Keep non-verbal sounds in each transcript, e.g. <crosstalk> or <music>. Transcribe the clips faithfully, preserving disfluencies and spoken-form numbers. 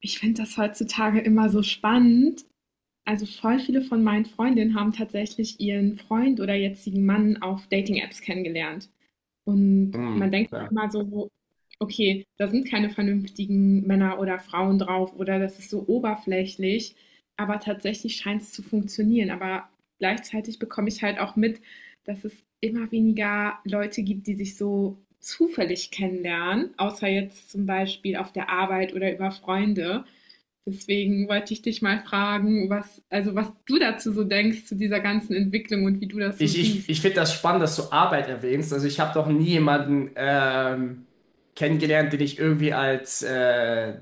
Ich finde das heutzutage immer so spannend. Also voll viele von meinen Freundinnen haben tatsächlich ihren Freund oder jetzigen Mann auf Dating-Apps kennengelernt. Und Hm, man denkt dann ja. immer so, okay, da sind keine vernünftigen Männer oder Frauen drauf oder das ist so oberflächlich. Aber tatsächlich scheint es zu funktionieren. Aber gleichzeitig bekomme ich halt auch mit, dass es immer weniger Leute gibt, die sich so zufällig kennenlernen, außer jetzt zum Beispiel auf der Arbeit oder über Freunde. Deswegen wollte ich dich mal fragen, was, also was du dazu so denkst, zu dieser ganzen Entwicklung und wie du das so Ich, ich, siehst. ich finde das spannend, dass du Arbeit erwähnst. Also ich habe doch nie jemanden ähm, kennengelernt, den ich irgendwie als äh, äh,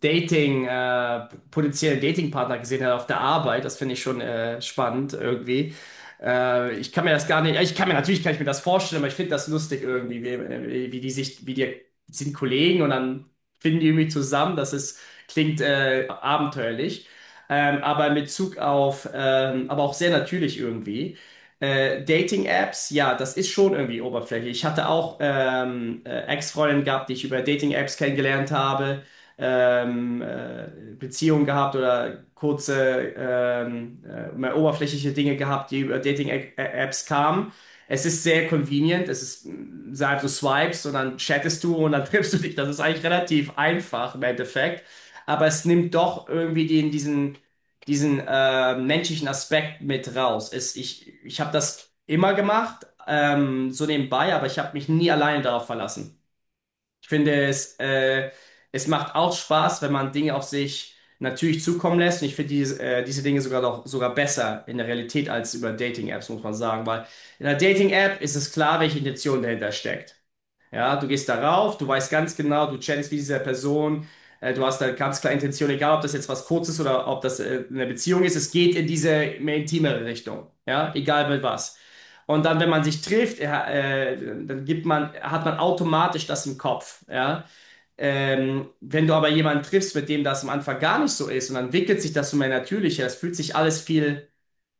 Dating, äh, potenziellen Datingpartner gesehen habe auf der Arbeit. Das finde ich schon äh, spannend irgendwie. Äh, ich kann mir das gar nicht, ich kann mir natürlich kann ich mir das vorstellen, aber ich finde das lustig irgendwie, wie, äh, wie die sich, wie die sind Kollegen und dann finden die irgendwie zusammen. Das ist, klingt äh, abenteuerlich. Ähm, aber in Bezug auf, ähm, aber auch sehr natürlich irgendwie. Äh, Dating-Apps, ja, das ist schon irgendwie oberflächlich. Ich hatte auch ähm, äh, Ex-Freundinnen gehabt, die ich über Dating-Apps kennengelernt habe, ähm, äh, Beziehungen gehabt oder kurze, ähm, äh, mehr oberflächliche Dinge gehabt, die über Dating-Apps kamen. Es ist sehr convenient, es ist, mh, sag, du swipes und dann chattest du und dann <laughs> triffst du dich. Das ist eigentlich relativ einfach im Endeffekt. Aber es nimmt doch irgendwie den, diesen diesen äh, menschlichen Aspekt mit raus. Es, ich ich habe das immer gemacht, ähm, so nebenbei, aber ich habe mich nie alleine darauf verlassen. Ich finde, es, äh, es macht auch Spaß, wenn man Dinge auf sich natürlich zukommen lässt. Und ich finde diese, äh, diese Dinge sogar noch sogar besser in der Realität als über Dating-Apps, muss man sagen, weil in einer Dating-App ist es klar, welche Intention dahinter steckt. Ja, du gehst darauf, du weißt ganz genau, du chattest mit dieser Person, äh, du hast eine ganz klare Intention, egal ob das jetzt was Kurzes oder ob das äh, eine Beziehung ist, es geht in diese mehr intimere Richtung, ja, egal mit was. Und dann, wenn man sich trifft, äh, äh, dann gibt man, hat man automatisch das im Kopf, ja. Ähm, wenn du aber jemanden triffst, mit dem das am Anfang gar nicht so ist und dann entwickelt sich das so mehr natürlicher, es fühlt sich alles viel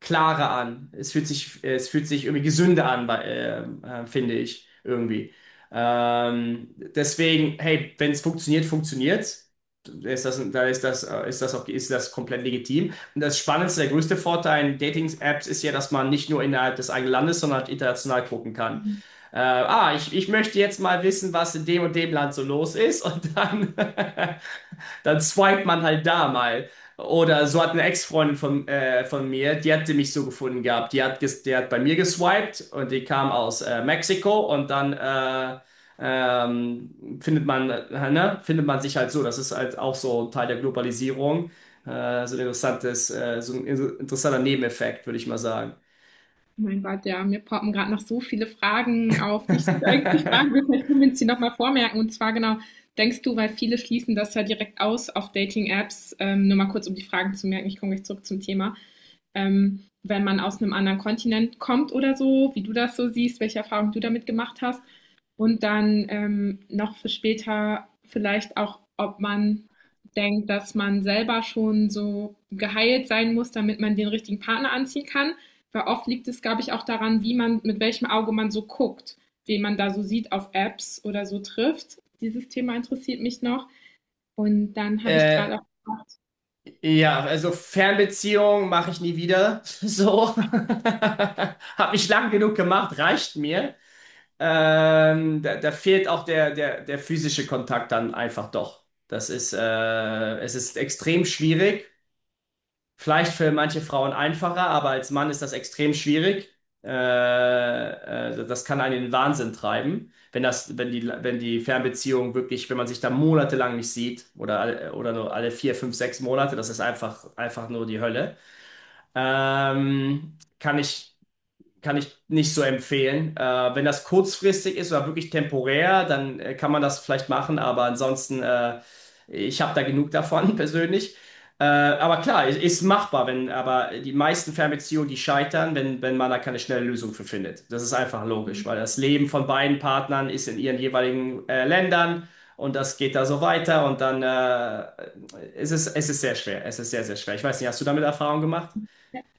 klarer an. Es fühlt sich, es fühlt sich irgendwie gesünder an, bei- ähm, äh, finde ich irgendwie. Ähm, deswegen, hey, wenn es funktioniert, funktioniert. Ist das, da ist das, äh, ist das auch, ist das komplett legitim. Und das Spannendste, der größte Vorteil in Dating-Apps ist ja, dass man nicht nur innerhalb des eigenen Landes, sondern halt international gucken kann. Äh, ah, ich, ich möchte jetzt mal wissen, was in dem und dem Land so los ist und dann <laughs> dann swiped man halt da mal. Oder so hat eine Ex-Freundin von, äh, von mir, die hatte mich so gefunden gehabt. Die hat, ges- die hat bei mir geswiped und die kam aus äh, Mexiko und dann äh, ähm, findet man, äh, ne, findet man sich halt so. Das ist halt auch so Teil der Globalisierung. Äh, so ein interessantes, äh, so ein in- interessanter Nebeneffekt, würde ich mal sagen. Mein Gott, ja, mir poppen gerade noch so viele Fragen auf, die ich eigentlich fragen will. <laughs> Vielleicht können wir uns die nochmal vormerken. Und zwar genau, denkst du, weil viele schließen das ja direkt aus auf Dating-Apps, ähm, nur mal kurz, um die Fragen zu merken, ich komme gleich zurück zum Thema. Ähm, wenn man aus einem anderen Kontinent kommt oder so, wie du das so siehst, welche Erfahrungen du damit gemacht hast. Und dann ähm, noch für später vielleicht auch, ob man denkt, dass man selber schon so geheilt sein muss, damit man den richtigen Partner anziehen kann. Weil oft liegt es, glaube ich, auch daran, wie man, mit welchem Auge man so guckt, wen man da so sieht auf Apps oder so trifft. Dieses Thema interessiert mich noch. Und dann habe ich gerade Äh, auch ja, also Fernbeziehung mache ich nie wieder. <laughs> So. <laughs> Hab ich lang genug gemacht, reicht mir. Ähm, da, da fehlt auch der, der, der physische Kontakt dann einfach doch. Das ist, äh, es ist extrem schwierig. Vielleicht für manche Frauen einfacher, aber als Mann ist das extrem schwierig. Äh, äh, Das kann einen in den Wahnsinn treiben, wenn das, wenn die, wenn die Fernbeziehung wirklich, wenn man sich da monatelang nicht sieht oder, alle- oder nur alle vier, fünf, sechs Monate, das ist einfach, einfach nur die Hölle. Ähm, kann ich kann ich nicht so empfehlen. Äh, wenn das kurzfristig ist oder wirklich temporär, dann äh, kann man das vielleicht machen, aber ansonsten, äh, ich habe da genug davon <laughs> persönlich. Äh, aber klar, es ist machbar, wenn, aber die meisten Fernbeziehungen, die scheitern, wenn, wenn man da keine schnelle Lösung für findet. Das ist einfach gedacht. logisch, weil das Leben von beiden Partnern ist in ihren jeweiligen äh, Ländern und das geht da so weiter und dann äh, es ist es ist sehr schwer. Es ist sehr, sehr schwer. Ich weiß nicht, hast du damit Erfahrung gemacht?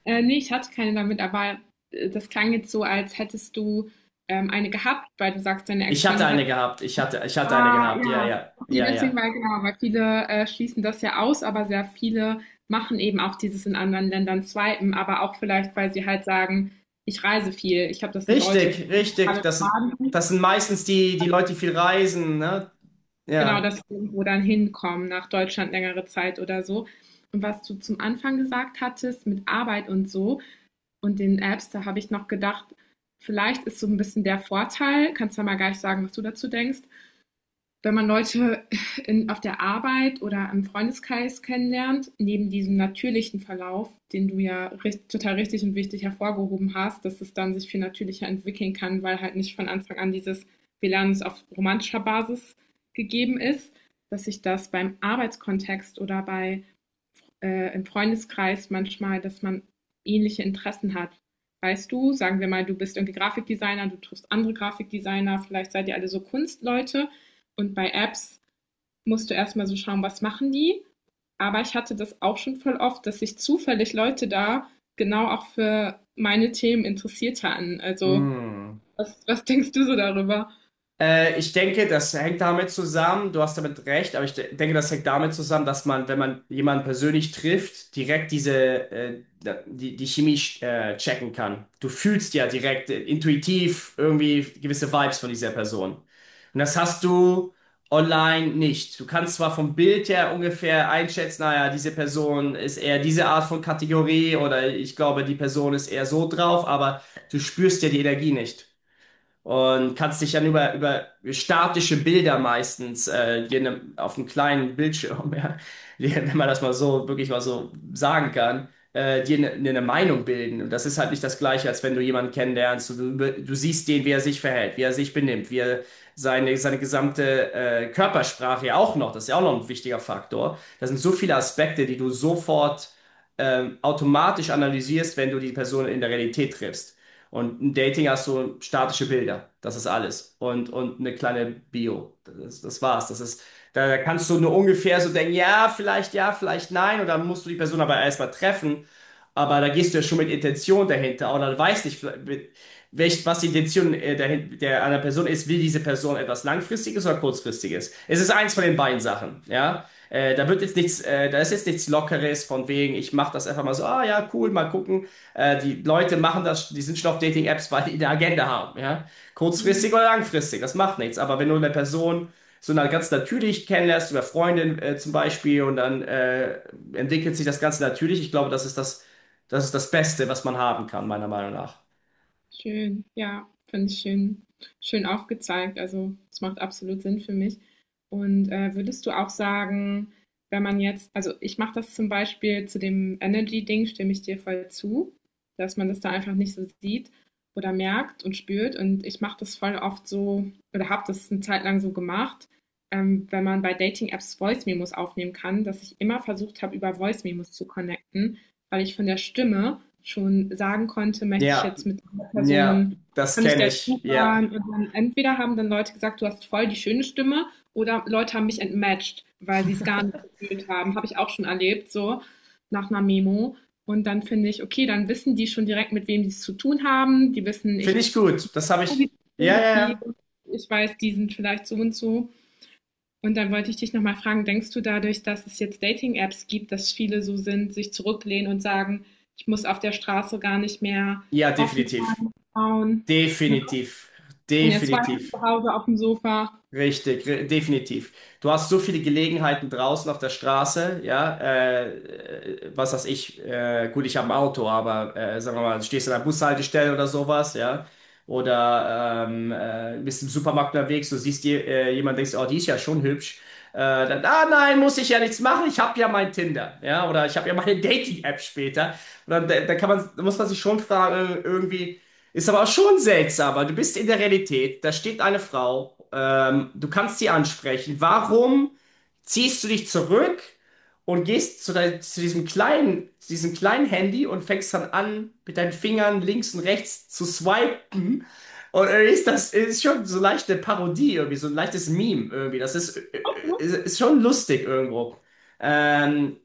Äh, nee, ich hatte keine damit, aber äh, das klang jetzt so, als hättest du ähm, eine gehabt, weil du sagst, deine Ich hatte Ex-Freundin hat. eine gehabt. Ich hatte, ich hatte eine Ah, gehabt. Ja, ja. ja, Okay, ja, deswegen, ja. weil genau, weil viele äh, schließen das ja aus, aber sehr viele machen eben auch dieses in anderen Ländern swipen, aber auch vielleicht, weil sie halt sagen, ich reise viel. Ich glaube, das sind Leute, die Richtig, richtig. digitale Das, Nomaden sind. das sind meistens die, die Leute, die viel reisen, ne? Genau, Ja. dass sie irgendwo dann hinkommen, nach Deutschland längere Zeit oder so. Und was du zum Anfang gesagt hattest mit Arbeit und so, und den Apps, da habe ich noch gedacht, vielleicht ist so ein bisschen der Vorteil, kannst du ja mal gleich sagen, was du dazu denkst, wenn man Leute <laughs> in, auf der Arbeit oder im Freundeskreis kennenlernt, neben diesem natürlichen Verlauf, den du ja richt, total richtig und wichtig hervorgehoben hast, dass es dann sich viel natürlicher entwickeln kann, weil halt nicht von Anfang an dieses, wir lernen es auf romantischer Basis gegeben ist, dass sich das beim Arbeitskontext oder bei äh, im Freundeskreis manchmal, dass man ähnliche Interessen hat. Weißt du, sagen wir mal, du bist irgendwie Grafikdesigner, du triffst andere Grafikdesigner, vielleicht seid ihr alle so Kunstleute und bei Apps musst du erstmal so schauen, was machen die. Aber ich hatte das auch schon voll oft, dass sich zufällig Leute da genau auch für meine Themen interessiert hatten. Also, Hm. was, was denkst du so darüber? Äh, ich denke, das hängt damit zusammen, du hast damit recht, aber ich de denke, das hängt damit zusammen, dass man, wenn man jemanden persönlich trifft, direkt diese, äh, die, die Chemie äh, checken kann. Du fühlst ja direkt, äh, intuitiv irgendwie gewisse Vibes von dieser Person. Und das hast du online nicht. Du kannst zwar vom Bild her ungefähr einschätzen, naja, diese Person ist eher diese Art von Kategorie oder ich glaube, die Person ist eher so drauf, aber du spürst ja die Energie nicht. Und kannst dich dann über, über statische Bilder meistens äh, dir ne, auf einem kleinen Bildschirm, <laughs> ja, dir, wenn man das mal so wirklich mal so sagen kann, äh, dir eine ne, ne Meinung bilden. Und das ist halt nicht das Gleiche, als wenn du jemanden kennenlernst. Du, du, du siehst den, wie er sich verhält, wie er sich benimmt, wie er seine, seine gesamte äh, Körpersprache ja auch noch, das ist ja auch noch ein wichtiger Faktor. Das sind so viele Aspekte, die du sofort ähm, automatisch analysierst, wenn du die Person in der Realität triffst. Und im Dating hast du statische Bilder. Das ist alles. Und, und eine kleine Bio. Das, ist- das war's. Das ist, da, da kannst du nur ungefähr so denken, ja, vielleicht ja, vielleicht nein. Und dann musst du die Person aber erstmal treffen. Aber da gehst du ja schon mit Intention dahinter. Oder du weißt nicht, vielleicht- welch, was die Intention äh, der, der einer Person ist, will diese Person etwas Langfristiges oder Kurzfristiges? Es ist eins von den beiden Sachen, ja. Äh, da wird jetzt nichts, äh, da ist jetzt nichts Lockeres von wegen, ich mache das einfach mal so, ah ja, cool, mal gucken. Äh, die Leute machen das, die sind schon auf Dating-Apps, weil die eine Agenda haben, ja. Ja. Kurzfristig oder langfristig, das macht nichts. Aber wenn du eine Person so na- ganz natürlich kennenlernst, über Freundin äh, zum Beispiel, und dann äh, entwickelt sich das Ganze natürlich, ich glaube, das ist das, das ist das Beste, was man haben kann, meiner Meinung nach. Schön, ja, finde ich schön, schön aufgezeigt. Also, das macht absolut Sinn für mich. Und, äh, würdest du auch sagen, wenn man jetzt also, ich mache das zum Beispiel, zu dem Energy-Ding stimme ich dir voll zu, dass man das da einfach nicht so sieht oder merkt und spürt. Und ich mache das voll oft so oder habe das 'ne Zeit lang so gemacht, ähm, wenn man bei Dating-Apps Voice Memos aufnehmen kann, dass ich immer versucht habe, über Voice Memos zu connecten, weil ich von der Stimme schon sagen konnte: „Möchte ich Ja, jetzt mit“ ja, Person, das kann ich kenne der ich. Ja. zuhören? Und dann entweder haben dann Leute gesagt, du hast voll die schöne Stimme, oder Leute haben mich entmatcht, weil sie es gar nicht gefühlt haben. Habe ich auch schon erlebt, so nach einer Memo. Und dann finde ich, okay, dann wissen die schon direkt, mit wem die es zu tun haben. Die wissen, Finde ich ich gut. Das habe ich. Ja, bilde ja, viel, ja. ich weiß, die sind vielleicht so und so. Und dann wollte ich dich nochmal fragen, denkst du dadurch, dass es jetzt Dating-Apps gibt, dass viele so sind, sich zurücklehnen und sagen, ich muss auf der Straße gar nicht mehr Ja, offen definitiv. sein, Frauen, ne? Definitiv. Ich kann ja zwei Definitiv. zu Hause auf dem Sofa. Richtig, re- definitiv. Du hast so viele Gelegenheiten draußen auf der Straße, ja, äh, äh, was weiß ich, äh, gut, ich habe ein Auto, aber äh, sagen wir mal, du stehst an der Bushaltestelle oder sowas, ja. Oder ähm, äh, bist im Supermarkt unterwegs, du siehst je, äh, jemand, denkst, oh, die ist ja schon hübsch. Äh, dann, ah nein, muss ich ja nichts machen, ich habe ja mein Tinder. Ja, oder ich habe ja meine <laughs> Dating-App später. Und dann, da, da kann man, da muss man sich schon fragen, äh, irgendwie, ist aber auch schon seltsam, weil du bist in der Realität, da steht eine Frau, ähm, du kannst sie ansprechen. Warum ziehst du dich zurück und gehst zu, dein, zu diesem kleinen, zu diesem kleinen Handy und fängst dann an, mit deinen Fingern links und rechts zu swipen? Und irgendwie ist das ist schon so leichte Parodie, irgendwie, so ein leichtes Meme irgendwie. Das ist, ist, ist schon lustig irgendwo. Ähm,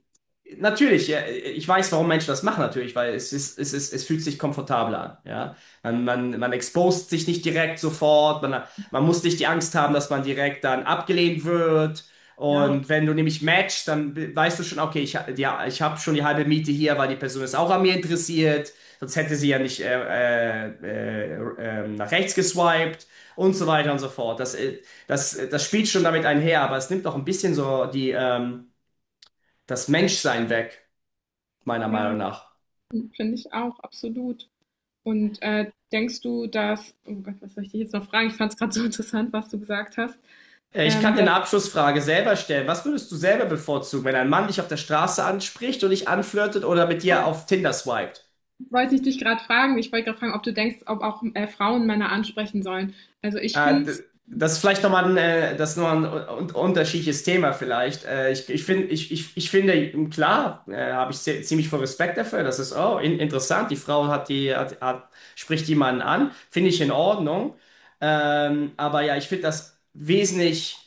Natürlich, ja, ich weiß, warum Menschen das machen natürlich, weil es ist, es ist, es fühlt sich komfortabler an, ja. Man, man, man expost sich nicht direkt sofort, man, man muss nicht die Angst haben, dass man direkt dann abgelehnt wird. Ja, Und wenn du nämlich matchst, dann be- weißt du schon, okay, ich, ha- ja, ich habe schon die halbe Miete hier, weil die Person ist auch an mir interessiert, sonst hätte sie ja nicht äh, äh, äh, äh, nach rechts geswiped und so weiter und so fort. Das, äh, das, das spielt schon damit einher, aber es nimmt auch ein bisschen so die, ähm, das Menschsein weg meiner ja, Meinung nach. finde ich auch, absolut. Und äh, denkst du, dass, oh Gott, was soll ich dich jetzt noch fragen? Ich fand es gerade so interessant, was du gesagt hast. Äh, Ich kann Ähm, dir das eine Abschlussfrage selber stellen. Was würdest du selber bevorzugen, wenn ein Mann dich auf der Straße anspricht und dich anflirtet oder mit dir auf Tinder swiped? wollte ich dich gerade fragen. Ich wollte gerade fragen, ob du denkst, ob auch äh, Frauen Männer ansprechen sollen. Also ich Äh, finde d- es das ist vielleicht nochmal ein, äh, das ist noch ein un unterschiedliches Thema vielleicht. Äh, ich, ich finde, ich, ich, ich finde, hm, klar, äh, habe ich zie- ziemlich viel Respekt dafür. Das ist, oh, in interessant. Die Frau hat die, hat, hat, spricht jemanden an. Finde ich in Ordnung. Ähm, aber ja, ich finde das wesentlich.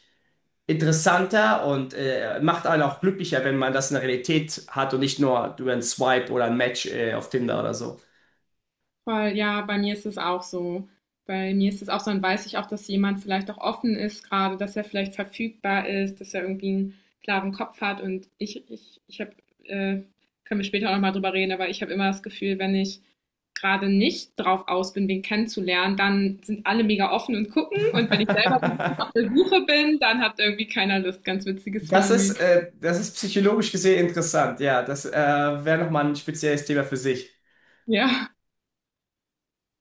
Interessanter und äh, macht einen auch glücklicher, wenn man das in der Realität hat und nicht nur über einen Swipe oder ein Match äh, auf Tinder oder so. voll, ja, bei mir ist es auch so. Bei mir ist es auch so, dann weiß ich auch, dass jemand vielleicht auch offen ist gerade, dass er vielleicht verfügbar ist, dass er irgendwie einen klaren Kopf hat. Und ich, ich, ich habe, äh, können wir später auch nochmal drüber reden, aber ich habe immer das Gefühl, wenn ich gerade nicht drauf aus bin, wen kennenzulernen, dann sind alle mega offen und gucken. Und wenn ich selber so ein bisschen auf der <laughs> Suche bin, dann hat irgendwie keiner Lust. Ganz witziges Das ist, Phänomen. äh, das ist psychologisch gesehen interessant, ja. Das äh, wäre nochmal ein spezielles Thema für sich. Ja.